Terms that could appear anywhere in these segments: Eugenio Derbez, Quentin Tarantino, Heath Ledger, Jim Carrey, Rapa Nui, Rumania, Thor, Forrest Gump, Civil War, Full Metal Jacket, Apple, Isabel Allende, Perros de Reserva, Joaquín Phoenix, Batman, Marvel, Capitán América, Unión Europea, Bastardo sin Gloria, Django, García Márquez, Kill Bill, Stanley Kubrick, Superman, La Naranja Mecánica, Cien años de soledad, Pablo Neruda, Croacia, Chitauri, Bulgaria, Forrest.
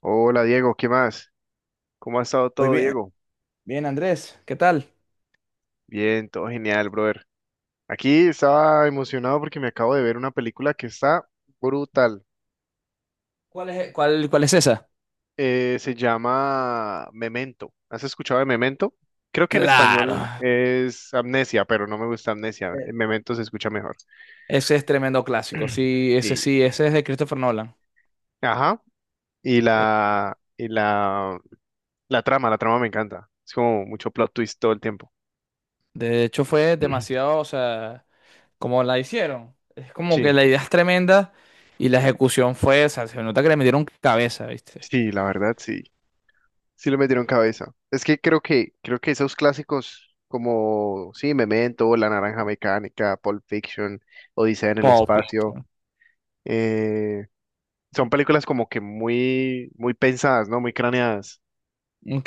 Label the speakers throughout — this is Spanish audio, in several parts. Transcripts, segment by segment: Speaker 1: Hola, Diego, ¿qué más? ¿Cómo ha estado
Speaker 2: Muy
Speaker 1: todo,
Speaker 2: bien,
Speaker 1: Diego?
Speaker 2: bien Andrés, ¿qué tal?
Speaker 1: Bien, todo genial, brother. Aquí estaba emocionado porque me acabo de ver una película que está brutal.
Speaker 2: ¿Cuál es esa?
Speaker 1: Se llama Memento. ¿Has escuchado de Memento? Creo que en
Speaker 2: Claro.
Speaker 1: español es Amnesia, pero no me gusta Amnesia.
Speaker 2: Eh,
Speaker 1: Memento se escucha mejor.
Speaker 2: Ese es tremendo clásico.
Speaker 1: Sí.
Speaker 2: Sí, ese es de Christopher Nolan.
Speaker 1: Ajá. Y
Speaker 2: Eh,
Speaker 1: la, y la, la trama me encanta. Es como mucho plot twist todo el tiempo.
Speaker 2: de hecho, fue demasiado, o sea, como la hicieron. Es como que
Speaker 1: Sí,
Speaker 2: la idea es tremenda y la ejecución fue, o sea, se nota que le metieron cabeza, ¿viste?
Speaker 1: sí, la verdad, sí. Sí le metieron cabeza. Es que creo que esos clásicos como sí, Memento, La Naranja Mecánica, Pulp Fiction, Odisea en el
Speaker 2: Pulp
Speaker 1: espacio,
Speaker 2: Fiction.
Speaker 1: eh, son películas como que muy muy pensadas, ¿no? Muy craneadas.
Speaker 2: Ok.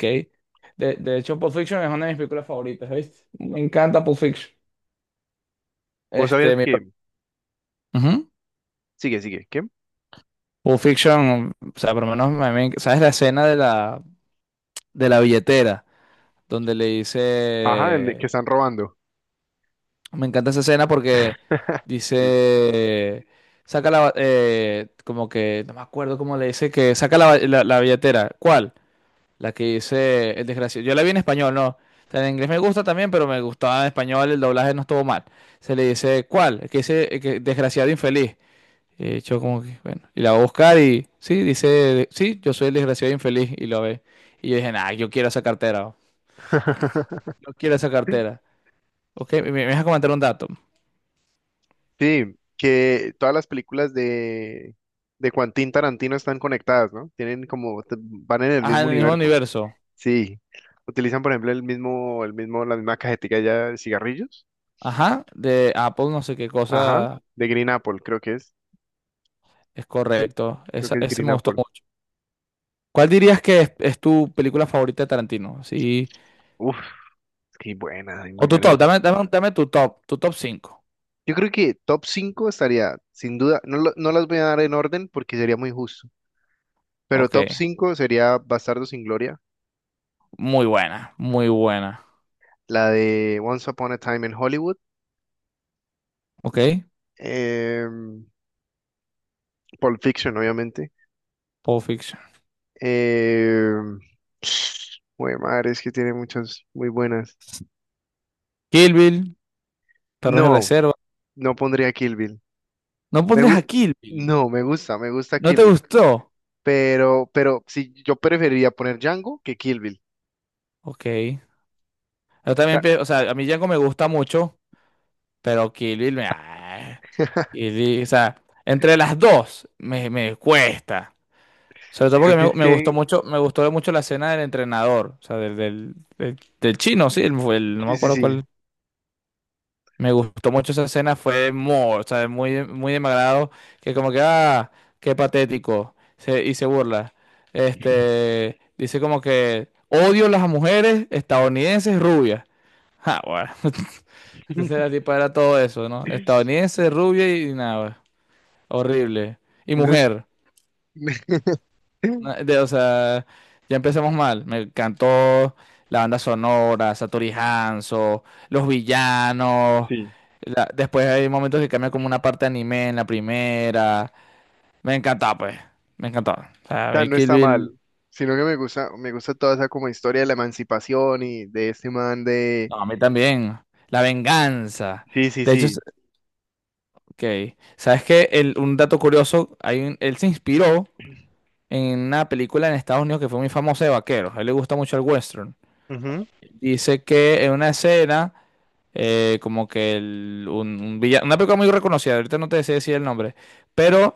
Speaker 2: De hecho, Pulp Fiction es una de mis películas favoritas, ¿viste? Me encanta Pulp Fiction.
Speaker 1: ¿Vos sabías
Speaker 2: Este, mi.
Speaker 1: que
Speaker 2: Ujú.
Speaker 1: ¿qué?
Speaker 2: Pulp Fiction, o sea, por lo menos, ¿sabes la escena de la billetera, donde le
Speaker 1: Ajá, que
Speaker 2: dice,
Speaker 1: están robando.
Speaker 2: me encanta esa escena porque
Speaker 1: Sí.
Speaker 2: dice, saca la, como que, no me acuerdo cómo le dice, que saca la, la billetera. ¿Cuál? La que dice el desgraciado. Yo la vi en español, no. O sea, en inglés me gusta también, pero me gustaba en español, el doblaje no estuvo mal. Se le dice, ¿cuál? El que dice, el que, desgraciado infeliz. Y yo como que, bueno, y la va a buscar y, sí, dice, sí, yo soy el desgraciado infeliz y lo ve. Y yo dije, nah, yo quiero esa cartera, yo quiero esa cartera. Ok, me vas a comentar un dato.
Speaker 1: Sí, que todas las películas de Quentin Tarantino están conectadas, ¿no? Tienen como van en el
Speaker 2: Ajá,
Speaker 1: mismo
Speaker 2: en el mismo
Speaker 1: universo.
Speaker 2: universo.
Speaker 1: Sí, utilizan por ejemplo el mismo, la misma cajetilla ya de cigarrillos,
Speaker 2: Ajá, de Apple, no sé qué
Speaker 1: ajá,
Speaker 2: cosa
Speaker 1: de Green Apple, creo que es,
Speaker 2: es
Speaker 1: creo,
Speaker 2: correcto.
Speaker 1: creo
Speaker 2: Esa,
Speaker 1: que es
Speaker 2: ese
Speaker 1: Green
Speaker 2: me gustó
Speaker 1: Apple.
Speaker 2: mucho. ¿Cuál dirías que es tu película favorita de Tarantino? Sí.
Speaker 1: Uf, qué buena, ay, muy
Speaker 2: O tu top,
Speaker 1: buena.
Speaker 2: dame tu top cinco.
Speaker 1: Yo creo que top 5 estaría, sin duda, no, no las voy a dar en orden porque sería muy justo, pero
Speaker 2: Ok,
Speaker 1: top cinco sería Bastardo sin Gloria,
Speaker 2: muy buena, muy buena.
Speaker 1: la de Once Upon a Time in Hollywood,
Speaker 2: Ok,
Speaker 1: eh, Pulp Fiction, obviamente.
Speaker 2: Pulp Fiction.
Speaker 1: Eh, madre, es que tiene muchas muy buenas.
Speaker 2: Kill Bill, Perros de
Speaker 1: No,
Speaker 2: Reserva.
Speaker 1: no pondría Kill Bill.
Speaker 2: No
Speaker 1: Me
Speaker 2: pondrías
Speaker 1: gu-
Speaker 2: a Kill Bill.
Speaker 1: no, me gusta
Speaker 2: ¿No
Speaker 1: Kill
Speaker 2: te
Speaker 1: Bill,
Speaker 2: gustó?
Speaker 1: pero sí, yo preferiría poner Django que Kill Bill.
Speaker 2: Ok. Yo también,
Speaker 1: Ya.
Speaker 2: o sea, a mí Django me gusta mucho. Pero Kill Bill, Kill Bill, o sea, entre las dos me cuesta. Sobre todo
Speaker 1: Sino
Speaker 2: porque
Speaker 1: que
Speaker 2: me,
Speaker 1: es
Speaker 2: me gustó
Speaker 1: que,
Speaker 2: mucho, me gustó mucho la escena del entrenador, o sea, del chino, sí, no me
Speaker 1: sí, sí,
Speaker 2: acuerdo
Speaker 1: sí.
Speaker 2: cuál. Me gustó mucho esa escena, fue muy, o sea, muy, muy de mi agrado, que como que, ah, qué patético, y se burla. Este, dice como que odio las mujeres estadounidenses rubias. Ah, bueno. Entonces la tipa era todo eso, ¿no? Estadounidense, rubia y nada, horrible. Y
Speaker 1: No.
Speaker 2: mujer. O sea, ya empezamos mal. Me encantó la banda sonora, Satori Hanzo, los villanos.
Speaker 1: Sí, o
Speaker 2: Después hay momentos que cambia como una parte de anime en la primera. Me encantó pues. Me encantó. O sea, a
Speaker 1: sea,
Speaker 2: mí
Speaker 1: no
Speaker 2: Kill
Speaker 1: está mal,
Speaker 2: Bill-
Speaker 1: sino que me gusta toda esa como historia de la emancipación y de este man de...
Speaker 2: No, a mí también. La venganza.
Speaker 1: Sí, sí,
Speaker 2: De hecho,
Speaker 1: sí.
Speaker 2: ok. ¿Sabes qué? Un dato curioso, hay él se inspiró en una película en Estados Unidos que fue muy famosa de vaqueros. A él le gusta mucho el western.
Speaker 1: Ujú.
Speaker 2: Dice que en una escena, como que un villano, una película muy reconocida, ahorita no te sé decir el nombre, pero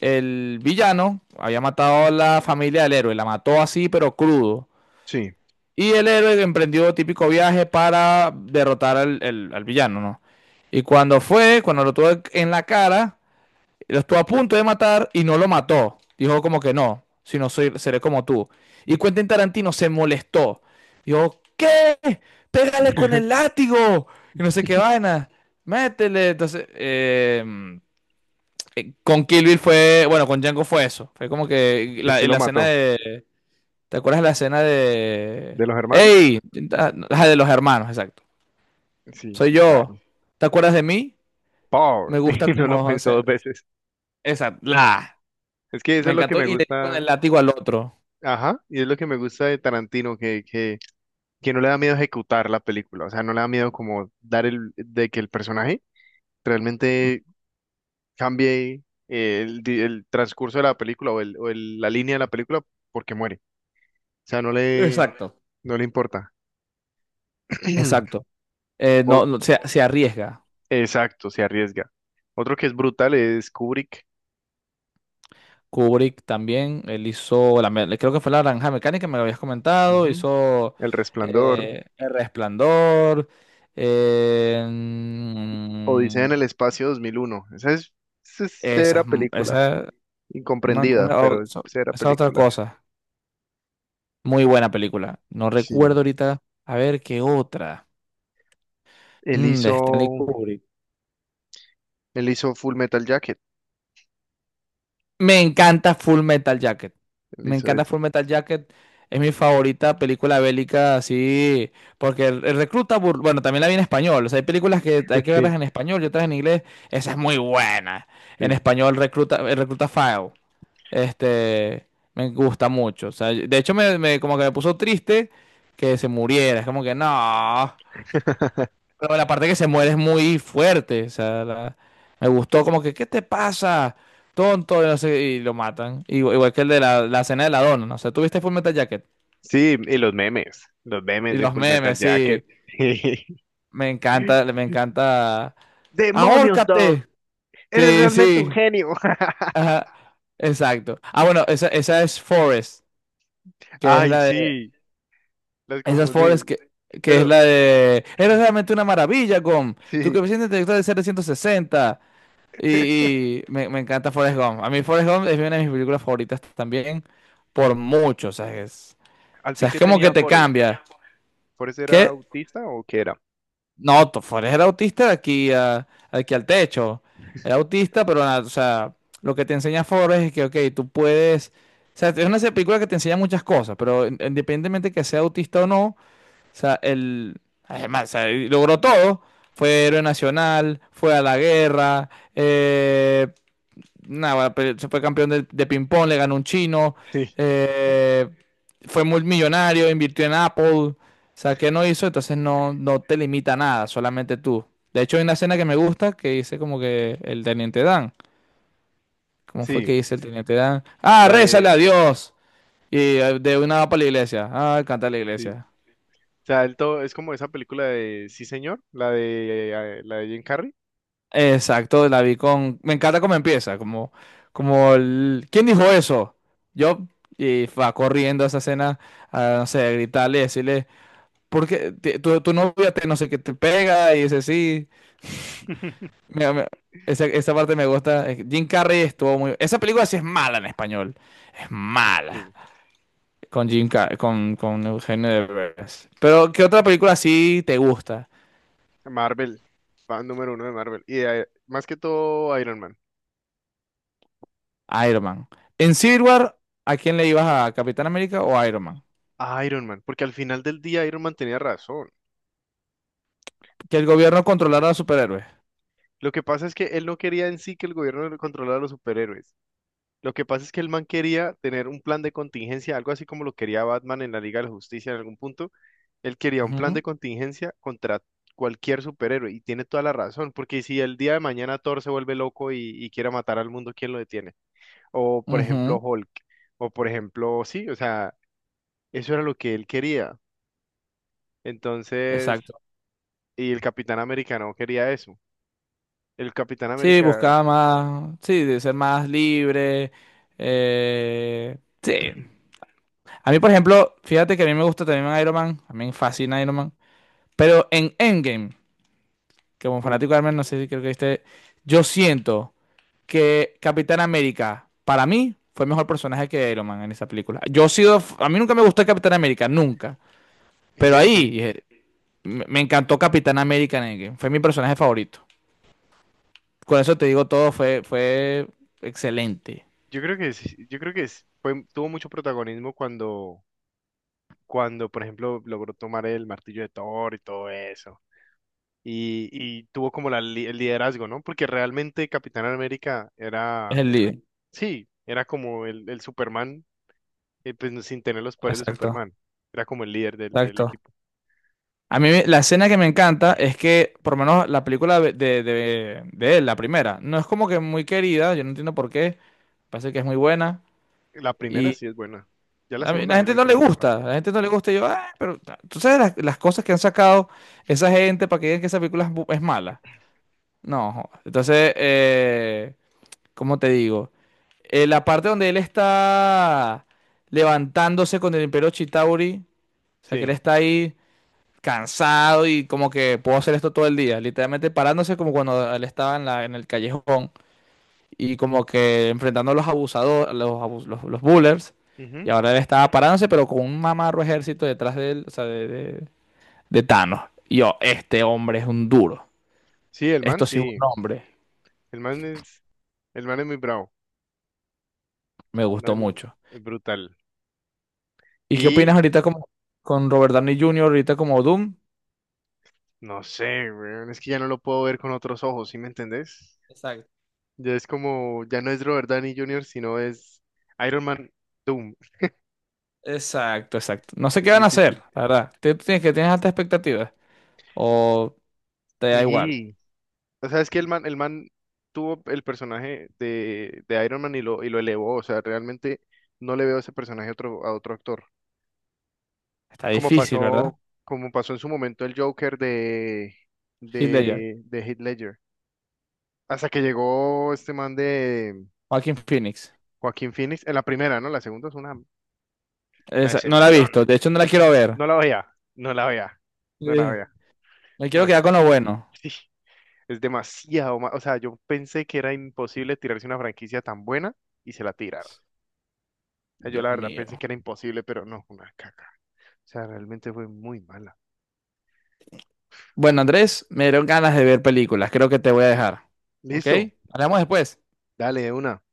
Speaker 2: el villano había matado a la familia del héroe, la mató así, pero crudo.
Speaker 1: Sí.
Speaker 2: Y el héroe emprendió típico viaje para derrotar al villano, ¿no? Y cuando fue, cuando lo tuvo en la cara, lo estuvo a punto de matar y no lo mató. Dijo como que no, si no soy, seré como tú. Y Quentin Tarantino se molestó. Dijo, ¿qué? Pégale con el látigo. Y no sé qué vaina. Métele. Entonces, con Kill Bill fue, bueno, con Django fue eso. Fue como que
Speaker 1: Que
Speaker 2: la,
Speaker 1: sí
Speaker 2: en
Speaker 1: lo
Speaker 2: la escena
Speaker 1: mató.
Speaker 2: de. ¿Te acuerdas de la escena de?
Speaker 1: ¿De los hermanos?
Speaker 2: ¡Ey! Ah, la de los hermanos, exacto.
Speaker 1: Sí,
Speaker 2: Soy
Speaker 1: sí,
Speaker 2: yo.
Speaker 1: claro.
Speaker 2: ¿Te acuerdas de mí?
Speaker 1: Power.
Speaker 2: Me gusta
Speaker 1: Y no lo
Speaker 2: como, o
Speaker 1: pensó
Speaker 2: sea,
Speaker 1: dos veces.
Speaker 2: esa, la.
Speaker 1: Es que eso
Speaker 2: Me
Speaker 1: es lo que
Speaker 2: encantó
Speaker 1: me
Speaker 2: y le dio con
Speaker 1: gusta.
Speaker 2: el látigo al otro.
Speaker 1: Ajá, y es lo que me gusta de Tarantino, que no le da miedo ejecutar la película, o sea, no le da miedo como dar de que el personaje realmente cambie el transcurso de la película o, la línea de la película porque muere, o sea,
Speaker 2: Exacto,
Speaker 1: no le importa.
Speaker 2: exacto.
Speaker 1: O-
Speaker 2: No, no, se arriesga.
Speaker 1: exacto, se arriesga. Otro que es brutal es Kubrick,
Speaker 2: Kubrick también, él hizo, creo que fue La Naranja Mecánica, me lo habías comentado,
Speaker 1: ujú,
Speaker 2: hizo
Speaker 1: El Resplandor,
Speaker 2: El Resplandor. eh,
Speaker 1: Odisea
Speaker 2: mm,
Speaker 1: en el Espacio 2001, esa es
Speaker 2: esa,
Speaker 1: cera
Speaker 2: es m-
Speaker 1: película,
Speaker 2: esa, es una-
Speaker 1: incomprendida,
Speaker 2: una- o-
Speaker 1: pero es
Speaker 2: so-
Speaker 1: cera
Speaker 2: esa es otra
Speaker 1: película.
Speaker 2: cosa. Muy buena película. No
Speaker 1: Sí.
Speaker 2: recuerdo ahorita, a ver qué otra.
Speaker 1: Él
Speaker 2: De Stanley
Speaker 1: hizo,
Speaker 2: Kubrick.
Speaker 1: él hizo Full Metal Jacket,
Speaker 2: Me encanta Full Metal Jacket.
Speaker 1: él
Speaker 2: Me
Speaker 1: hizo
Speaker 2: encanta
Speaker 1: eso.
Speaker 2: Full Metal Jacket. Es mi favorita película bélica, así, porque el recluta, bueno, también la vi en español. O sea, hay películas que hay que
Speaker 1: Sí,
Speaker 2: verlas en español y otras en inglés. Esa es muy buena. En
Speaker 1: sí.
Speaker 2: español, recluta, el recluta File. Este, me gusta mucho. O sea, de hecho, como que me puso triste que se muriera. Es como que no. Pero la parte que se muere es muy fuerte. O sea, me gustó como que, ¿qué te pasa? Tonto, y no sé, y lo matan. Igual, igual que el de la cena de la dona, ¿no? O sea, ¿tuviste Full Metal Jacket?
Speaker 1: Sí, y los memes
Speaker 2: Y
Speaker 1: de
Speaker 2: los
Speaker 1: Full Metal
Speaker 2: memes,
Speaker 1: Jacket.
Speaker 2: sí. Me encanta, me encanta.
Speaker 1: ¡Demonios, Dog!
Speaker 2: ¡Ahórcate!
Speaker 1: ¡Eres
Speaker 2: Sí,
Speaker 1: realmente un
Speaker 2: sí.
Speaker 1: genio!
Speaker 2: Ajá. Exacto. Ah, bueno, esa es Forest, que es
Speaker 1: Ay,
Speaker 2: la de.
Speaker 1: sí, las
Speaker 2: Esa es Forest
Speaker 1: confundí.
Speaker 2: que es
Speaker 1: Pero
Speaker 2: la de. Eres realmente una maravilla, Gom. Tu
Speaker 1: sí,
Speaker 2: coeficiente intelectual es 760. Y me encanta Forrest Gump. A mí Forrest Gump es una de mis películas favoritas también, por mucho. O sea, es,
Speaker 1: al
Speaker 2: o
Speaker 1: fin
Speaker 2: sea, es
Speaker 1: que
Speaker 2: como que
Speaker 1: tenía
Speaker 2: te
Speaker 1: Forrest.
Speaker 2: cambia.
Speaker 1: ¿Forrest era
Speaker 2: Que
Speaker 1: autista o qué era?
Speaker 2: no, Forrest era autista de aquí, aquí al techo. Era autista, pero nada, o sea, lo que te enseña Forrest es que, ok, tú puedes. O sea, es una película que te enseña muchas cosas, pero independientemente que sea autista o no, o sea, él, además, o sea, él logró todo. Fue héroe nacional, fue a la guerra, eh, nada, pero se fue campeón de ping-pong, le ganó un chino,
Speaker 1: Sí,
Speaker 2: eh, fue muy millonario, invirtió en Apple, o sea, ¿qué no hizo? Entonces no, no te limita nada, solamente tú. De hecho, hay una escena que me gusta que dice como que el teniente Dan. ¿Cómo fue que
Speaker 1: sí,
Speaker 2: dice el teniente Dan? Ah,
Speaker 1: la
Speaker 2: rézale
Speaker 1: de,
Speaker 2: a Dios. Y de una va para la iglesia. Ah, canta la
Speaker 1: sí.
Speaker 2: iglesia.
Speaker 1: O sea, el todo, es como esa película de Sí, señor, la de Jim Carrey.
Speaker 2: Exacto, la vi con. Me encanta cómo empieza, como. ¿Quién dijo eso? Yo, y va corriendo a esa escena, a, no sé, a gritarle, decirle, porque tu novia te, no sé qué te pega, y dice, sí. Mira, mira, esa parte me gusta. Jim Carrey estuvo muy. Esa película sí es mala en español. Es mala.
Speaker 1: Sí,
Speaker 2: Con Jim Carrey, con Eugenio Derbez. Pero, ¿qué otra película sí te gusta?
Speaker 1: Marvel, fan número uno de Marvel. Y más que todo Iron Man.
Speaker 2: Iron Man. En Civil War, ¿a quién le ibas a Capitán América o Iron Man?
Speaker 1: A Iron Man, porque al final del día Iron Man tenía razón.
Speaker 2: Que el gobierno controlara a los superhéroes.
Speaker 1: Lo que pasa es que él no quería en sí que el gobierno le controlara a los superhéroes. Lo que pasa es que el man quería tener un plan de contingencia, algo así como lo quería Batman en la Liga de la Justicia en algún punto. Él quería un plan
Speaker 2: Ujú,
Speaker 1: de contingencia contra cualquier superhéroe y tiene toda la razón, porque si el día de mañana Thor se vuelve loco y quiere matar al mundo, ¿quién lo detiene? O por ejemplo
Speaker 2: ujú.
Speaker 1: Hulk, o por ejemplo, sí, o sea, eso era lo que él quería. Entonces,
Speaker 2: Exacto.
Speaker 1: y el Capitán Americano quería eso. El Capitán
Speaker 2: Sí,
Speaker 1: América.
Speaker 2: buscaba más, sí, de ser más libre. Sí. A mí, por ejemplo, fíjate que a mí me gusta también Iron Man, a mí me fascina Iron Man, pero en Endgame, como
Speaker 1: Uh,
Speaker 2: fanático de Iron Man, no sé si creo que este, yo siento que Capitán América, para mí, fue mejor personaje que Iron Man en esa película. Yo he sido, f- A mí nunca me gustó Capitán América, nunca,
Speaker 1: en
Speaker 2: pero
Speaker 1: Endgame.
Speaker 2: ahí me encantó Capitán América en Endgame, fue mi personaje favorito. Con eso te digo todo, fue excelente.
Speaker 1: Yo creo que es- fue, tuvo mucho protagonismo cuando, cuando, por ejemplo, logró tomar el martillo de Thor y todo eso. Y tuvo como el liderazgo, ¿no? Porque realmente Capitán América
Speaker 2: Es
Speaker 1: era,
Speaker 2: el líder.
Speaker 1: sí, era como el Superman, pues sin tener los poderes de
Speaker 2: Exacto,
Speaker 1: Superman. Era como el líder del, del
Speaker 2: exacto.
Speaker 1: equipo.
Speaker 2: A mí la escena que me encanta es que, por lo menos la película de él, la primera, no es como que muy querida, yo no entiendo por qué, parece que es muy buena
Speaker 1: La primera
Speaker 2: y
Speaker 1: sí es buena. Ya la
Speaker 2: a mí la
Speaker 1: segunda no
Speaker 2: gente
Speaker 1: me
Speaker 2: no le
Speaker 1: trama tanto.
Speaker 2: gusta, la gente no le gusta y yo, "Ah, pero tú sabes las cosas que han sacado esa gente para que digan que esa película es mala. No, joda. Entonces, ¿cómo te digo? La parte donde él está levantándose con el Imperio Chitauri, o sea que él
Speaker 1: Sí.
Speaker 2: está ahí cansado y como que puedo hacer esto todo el día, literalmente parándose como cuando él estaba en el callejón y como que enfrentando a los abusadores, los bullers, y
Speaker 1: Ujú.
Speaker 2: ahora él estaba parándose pero con un mamarro ejército detrás de él, o sea, de Thanos. Y yo, este hombre es un duro,
Speaker 1: Sí, el man,
Speaker 2: esto sí es un
Speaker 1: sí.
Speaker 2: hombre,
Speaker 1: El man es, el man es muy bravo.
Speaker 2: me gustó
Speaker 1: Man,
Speaker 2: mucho.
Speaker 1: es brutal.
Speaker 2: ¿Y qué opinas
Speaker 1: Y
Speaker 2: ahorita como con Robert Downey Jr., ahorita como Doom?
Speaker 1: no sé, weón, es que ya no lo puedo ver con otros ojos, ¿sí me entendés?
Speaker 2: Exacto.
Speaker 1: Ya es como, ya no es Robert Downey Jr., sino es Iron Man Doom.
Speaker 2: Exacto, exacto. No sé qué
Speaker 1: Es
Speaker 2: van a hacer,
Speaker 1: difícil.
Speaker 2: la verdad. ¿Tú tienes altas expectativas? ¿O te da igual?
Speaker 1: Y, o sea, es que el man tuvo el personaje de Iron Man y lo elevó. O sea, realmente no le veo ese personaje a otro actor.
Speaker 2: Está difícil, ¿verdad?
Speaker 1: Como pasó en su momento el Joker de,
Speaker 2: Heath Ledger,
Speaker 1: de Heath Ledger. Hasta que llegó este man de
Speaker 2: Joaquin Phoenix.
Speaker 1: Joaquín Phoenix, en la primera, ¿no? La segunda es una
Speaker 2: No la he
Speaker 1: excepción.
Speaker 2: visto, de hecho no la quiero ver.
Speaker 1: No la veía, no la veía, no la
Speaker 2: Sí.
Speaker 1: veía.
Speaker 2: Me quiero
Speaker 1: No,
Speaker 2: quedar con lo bueno.
Speaker 1: sí, o sea, yo pensé que era imposible tirarse una franquicia tan buena y se la tiraron. O sea, yo la
Speaker 2: Dios
Speaker 1: verdad
Speaker 2: mío.
Speaker 1: pensé que era imposible, pero no, una caca. O sea, realmente fue muy mala.
Speaker 2: Bueno, Andrés, me dieron ganas de ver películas. Creo que te voy a dejar. ¿Ok?
Speaker 1: Listo,
Speaker 2: Hablamos después.
Speaker 1: dale de una.